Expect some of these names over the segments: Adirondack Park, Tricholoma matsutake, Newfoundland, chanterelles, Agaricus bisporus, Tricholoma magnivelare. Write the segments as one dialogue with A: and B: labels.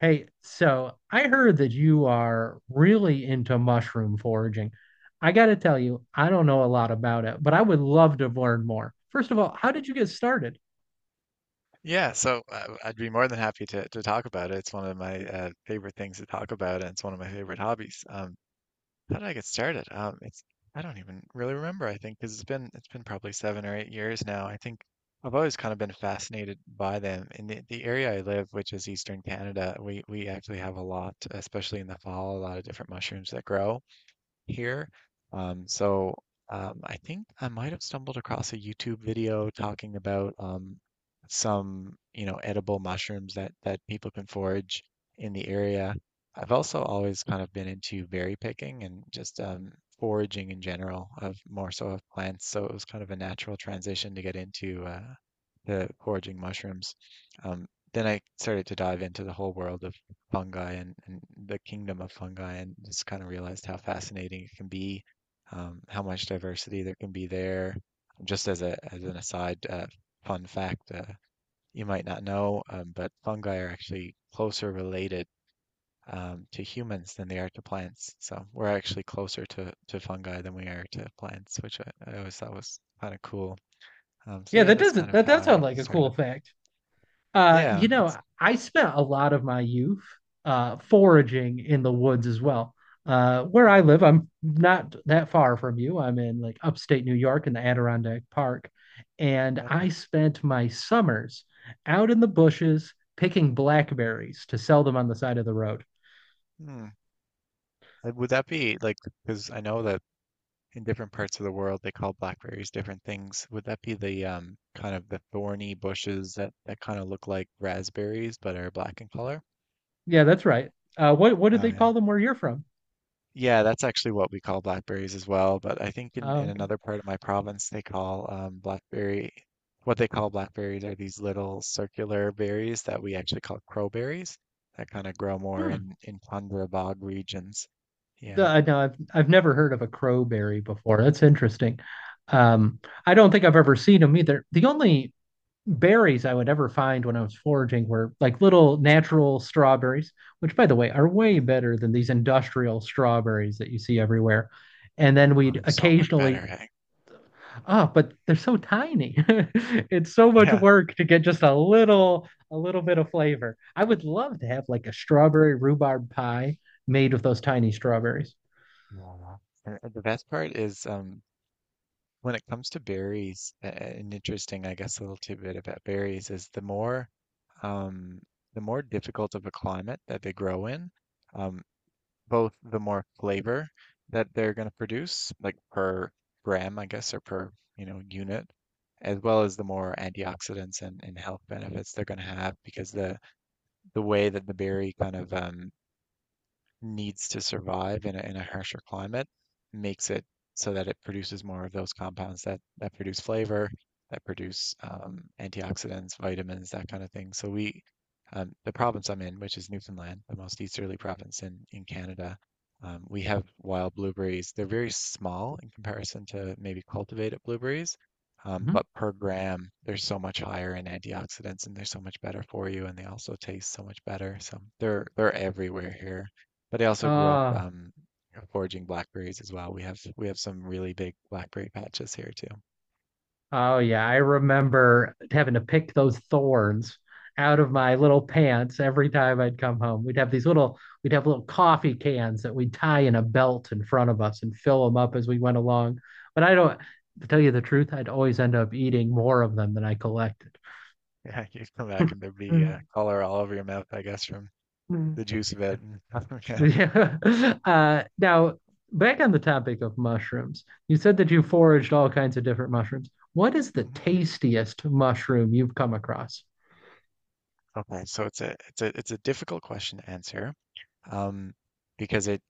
A: Hey, so I heard that you are really into mushroom foraging. I got to tell you, I don't know a lot about it, but I would love to learn more. First of all, how did you get started?
B: Yeah, so I'd be more than happy to talk about it. It's one of my favorite things to talk about, and it's one of my favorite hobbies. How did I get started? It's I don't even really remember. I think because it's been probably 7 or 8 years now. I think I've always kind of been fascinated by them. In the area I live, which is Eastern Canada, we actually have a lot, especially in the fall, a lot of different mushrooms that grow here. Um, so I think I might have stumbled across a YouTube video talking about some, you know, edible mushrooms that people can forage in the area. I've also always kind of been into berry picking and just foraging in general, of more so of plants. So it was kind of a natural transition to get into the foraging mushrooms. Um, then I started to dive into the whole world of fungi and the kingdom of fungi and just kind of realized how fascinating it can be, how much diversity there can be there. Just as a as an aside, fun fact, you might not know, but fungi are actually closer related to humans than they are to plants. So we're actually closer to fungi than we are to plants, which I always thought was kind of cool. So
A: Yeah,
B: yeah,
A: that
B: that's kind
A: doesn't
B: of
A: that
B: how
A: does sound
B: I
A: like a cool
B: started.
A: fact. Uh,
B: Yeah,
A: you know,
B: it's
A: I spent a lot of my youth foraging in the woods as well. Where I
B: hmm,
A: live, I'm not that far from you. I'm in like upstate New York in the Adirondack Park, and
B: okay.
A: I spent my summers out in the bushes picking blackberries to sell them on the side of the road.
B: Hmm. Would that be like, because I know that in different parts of the world they call blackberries different things. Would that be the kind of the thorny bushes that kind of look like raspberries but are black in color?
A: Yeah, that's right. What did
B: Oh
A: they
B: yeah.
A: call them where you're from?
B: Yeah, that's actually what we call blackberries as well, but I think in
A: Oh, okay.
B: another part of my province they call blackberry what they call blackberries are these little circular berries that we actually call crowberries that kind of grow more
A: Hmm.
B: in tundra bog regions. Yeah.
A: I know I've never heard of a crowberry before. That's interesting. Um, I don't think I've ever seen them either. The only berries I would ever find when I was foraging were like little natural strawberries, which, by the way, are way
B: Mm.
A: better than these industrial strawberries that you see everywhere. And then
B: Well,
A: we'd
B: it's so much
A: occasionally,
B: better, eh?
A: oh, but they're so tiny. It's so much
B: Yeah.
A: work to get just a little bit of flavor. I would love to have like a strawberry rhubarb pie made with those tiny strawberries.
B: Yeah. And the best part is when it comes to berries, an interesting, I guess, little tidbit about berries is um, the more difficult of a climate that they grow in, um, both the more flavor that they're going to produce, like per gram, I guess, or per, you know, unit, as well as the more antioxidants and health benefits they're going to have because the way that the berry kind of needs to survive in a harsher climate makes it so that it produces more of those compounds that produce flavor, that produce antioxidants, vitamins, that kind of thing. The province I'm in, which is Newfoundland, the most easterly province in Canada, we have wild blueberries. They're very small in comparison to maybe cultivated blueberries,
A: Mhm.
B: but per gram, they're so much higher in antioxidants and they're so much better for you, and they also taste so much better. So they're everywhere here. But I also grew up
A: Ah.
B: foraging blackberries as well. We have some really big blackberry patches here too.
A: Oh yeah, I remember having to pick those thorns out of my little pants every time I'd come home. We'd have these little we'd have little coffee cans that we'd tie in a belt in front of us and fill them up as we went along. But I don't, to tell you the truth, I'd always end up eating more of them than I collected.
B: Yeah, you come back and there'd be
A: Mhm.
B: color all over your mouth, I guess, from the juice of it. Yeah.
A: Yeah. Now, back on the topic of mushrooms, you said that you
B: Mhm,
A: foraged all kinds of different mushrooms. What is the
B: mhm.
A: tastiest mushroom you've come across?
B: Okay, so it's a it's a it's a difficult question to answer, um, because it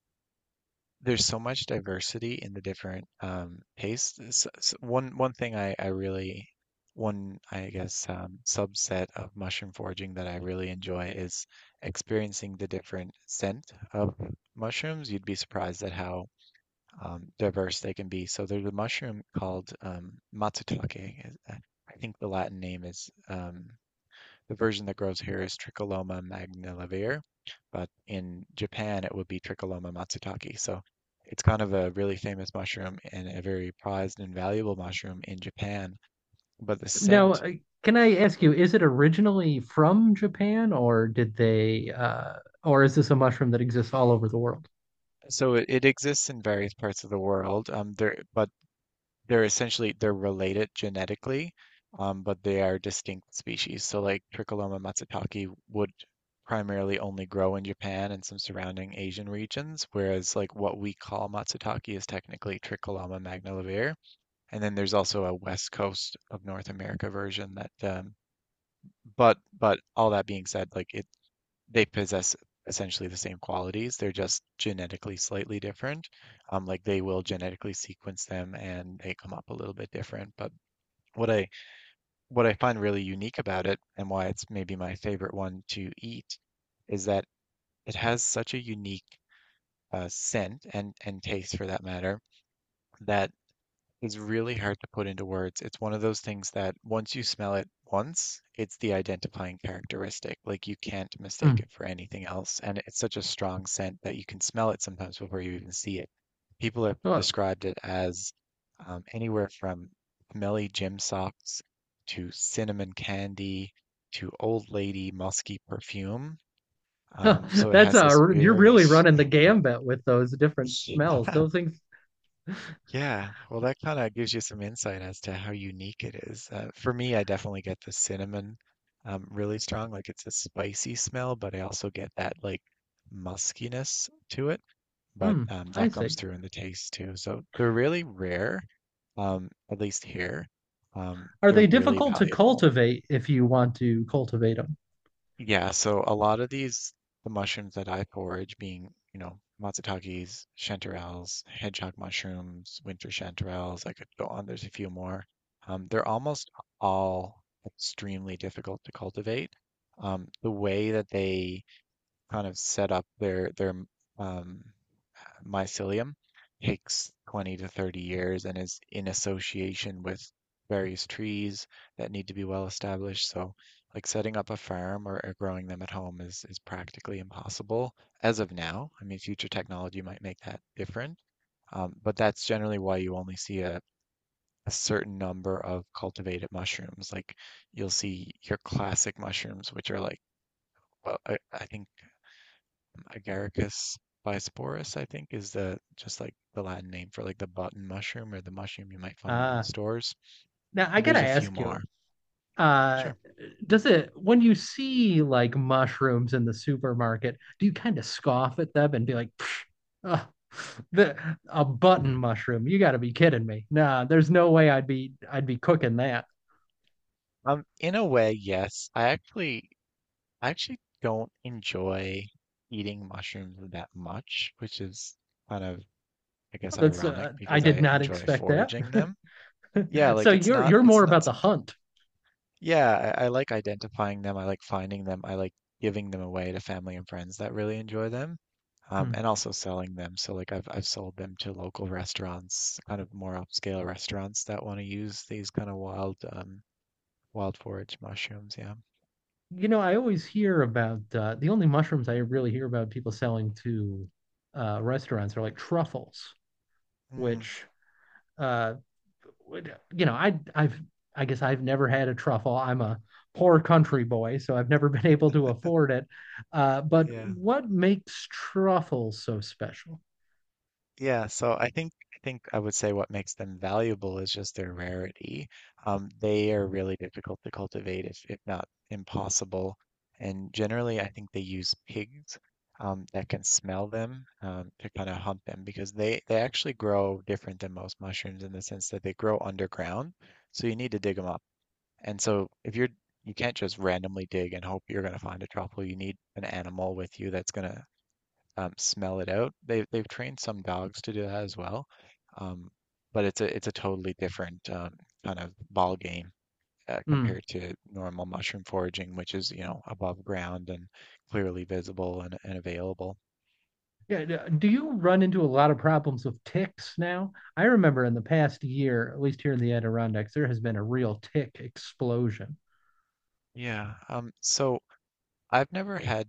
B: there's so much diversity in the different tastes. One thing I really one I guess subset of mushroom foraging that I really enjoy is experiencing the different scent of mushrooms. You'd be surprised at how diverse they can be. So there's a mushroom called matsutake. I think the Latin name is the version that grows here is Tricholoma magnivelare, but in Japan it would be Tricholoma matsutake. So it's kind of a really famous mushroom and a very prized and valuable mushroom in Japan. But the
A: Now,
B: scent,
A: uh, can I ask you, is it originally from Japan or did they or is this a mushroom that exists all over the world?
B: it exists in various parts of the world. But they're essentially they're related genetically, but they are distinct species. So like Tricholoma matsutake would primarily only grow in Japan and some surrounding Asian regions, whereas like what we call matsutake is technically Tricholoma magnivelare. And then there's also a West Coast of North America version that but all that being said, like it they possess essentially the same qualities. They're just genetically slightly different. Like they will genetically sequence them and they come up a little bit different. But what I what I find really unique about it and why it's maybe my favorite one to eat is that it has such a unique scent and taste for that matter that is really hard to put into words. It's one of those things that once you smell it once, it's the identifying characteristic. Like you can't mistake
A: Hmm.
B: it for anything else. And it's such a strong scent that you can smell it sometimes before you even see it. People have
A: Well,
B: described it as anywhere from smelly gym socks to cinnamon candy to old lady musky perfume. So it
A: that's
B: has this
A: a you're
B: very
A: really running the gambit with those different smells. Those things.
B: yeah, well, that kind of gives you some insight as to how unique it is. For me, I definitely get the cinnamon really strong. Like it's a spicy smell, but I also get that like muskiness to it. But
A: Hmm, I
B: that comes
A: see.
B: through in the taste too. So they're really rare, at least here.
A: Are
B: They're
A: they
B: really
A: difficult to
B: valuable.
A: cultivate if you want to cultivate them?
B: Yeah, so a lot of these, the mushrooms that I forage being, you know, matsutakis, chanterelles, hedgehog mushrooms, winter chanterelles, I could go on, there's a few more. They're almost all extremely difficult to cultivate. The way that they kind of set up their um, mycelium takes 20 to 30 years and is in association with various trees that need to be well established. So, like setting up a farm or growing them at home is practically impossible as of now. I mean, future technology might make that different, but that's generally why you only see a certain number of cultivated mushrooms. Like you'll see your classic mushrooms, which are like, well, I think Agaricus bisporus, I think, is the just like the Latin name for like the button mushroom or the mushroom you might find in the
A: Ah,
B: stores.
A: now I
B: And there's
A: gotta
B: a few
A: ask you,
B: more.
A: uh,
B: Sure.
A: does it when you see like mushrooms in the supermarket, do you kind of scoff at them and be like, "Pfft, the, a button mushroom, you got to be kidding me, nah, there's no way I'd be cooking that.
B: In a way, yes. I actually don't enjoy eating mushrooms that much, which is kind of, I guess,
A: That's
B: ironic
A: I
B: because I
A: did not
B: enjoy
A: expect that."
B: foraging them. Yeah,
A: So
B: like
A: you're you're more
B: it's
A: about
B: not
A: the
B: something.
A: hunt.
B: Yeah, I like identifying them. I like finding them. I like giving them away to family and friends that really enjoy them.
A: Hmm.
B: And also selling them. So like I've sold them to local restaurants, kind of more upscale restaurants that want to use these kind of wild wild forage mushrooms. Yeah.
A: You know, I always hear about, the only mushrooms I really hear about people selling to restaurants are like truffles,
B: Mm,
A: which uh, you know, I guess I've never had a truffle. I'm a poor country boy, so I've never been able to afford it. But
B: yeah.
A: what makes truffles so special?
B: Yeah, so I think I would say what makes them valuable is just their rarity. They are really difficult to cultivate, if not impossible. And generally, I think they use pigs that can smell them to kind of hunt them because they actually grow different than most mushrooms in the sense that they grow underground, so you need to dig them up. And so if you're you can't just randomly dig and hope you're going to find a truffle. You need an animal with you that's going to smell it out. They've trained some dogs to do that as well, um, but it's a totally different kind of ball game
A: Mm.
B: compared to normal mushroom foraging, which is you know above ground and clearly visible and available.
A: Yeah, do you run into a lot of problems with ticks now? I remember in the past year, at least here in the Adirondacks, there has been a real tick explosion.
B: Yeah. So I've never had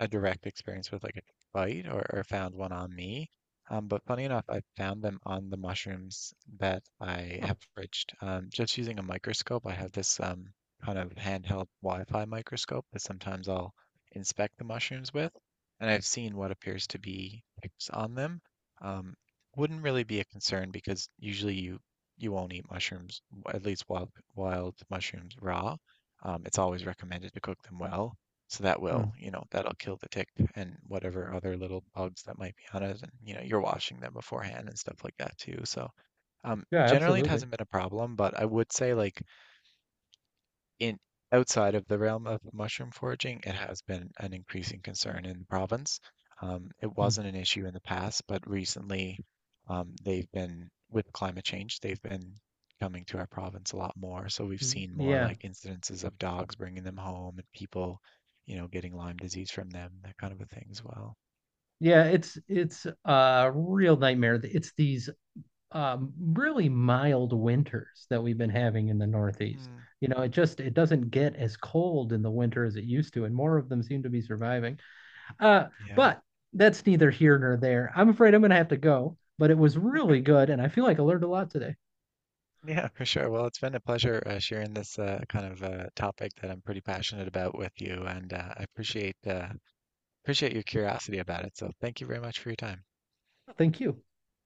B: a direct experience with like a bite or found one on me. But funny enough, I found them on the mushrooms that I
A: Oh,
B: have fridged. Just using a microscope, I have this kind of handheld Wi-Fi microscope that sometimes I'll inspect the mushrooms with, and I've seen what appears to be ticks on them. Um, wouldn't really be a concern because usually you won't eat mushrooms, at least wild mushrooms raw. It's always recommended to cook them well. So that
A: mm.
B: will, you know, that'll kill the tick and whatever other little bugs that might be on it. And, you know, you're washing them beforehand and stuff like that too. So,
A: Yeah,
B: generally it
A: absolutely.
B: hasn't been a problem, but I would say like in outside of the realm of mushroom foraging, it has been an increasing concern in the province. It
A: Mm.
B: wasn't an issue in the past, but recently with climate change, they've been coming to our province a lot more. So we've seen more
A: Yeah.
B: like incidences of dogs bringing them home and people, you know, getting Lyme disease from them, that kind of a thing as well.
A: Yeah, it's a real nightmare. It's these really mild winters that we've been having in the Northeast.
B: Mm,
A: You know, it just it doesn't get as cold in the winter as it used to, and more of them seem to be surviving. Uh,
B: yeah.
A: but that's neither here nor there. I'm afraid I'm gonna have to go, but it was
B: Okay.
A: really good, and I feel like I learned a lot today.
B: Yeah, for sure. Well, it's been a pleasure sharing this topic that I'm pretty passionate about with you, and I appreciate appreciate your curiosity about it. So thank you very much for your time.
A: Thank you.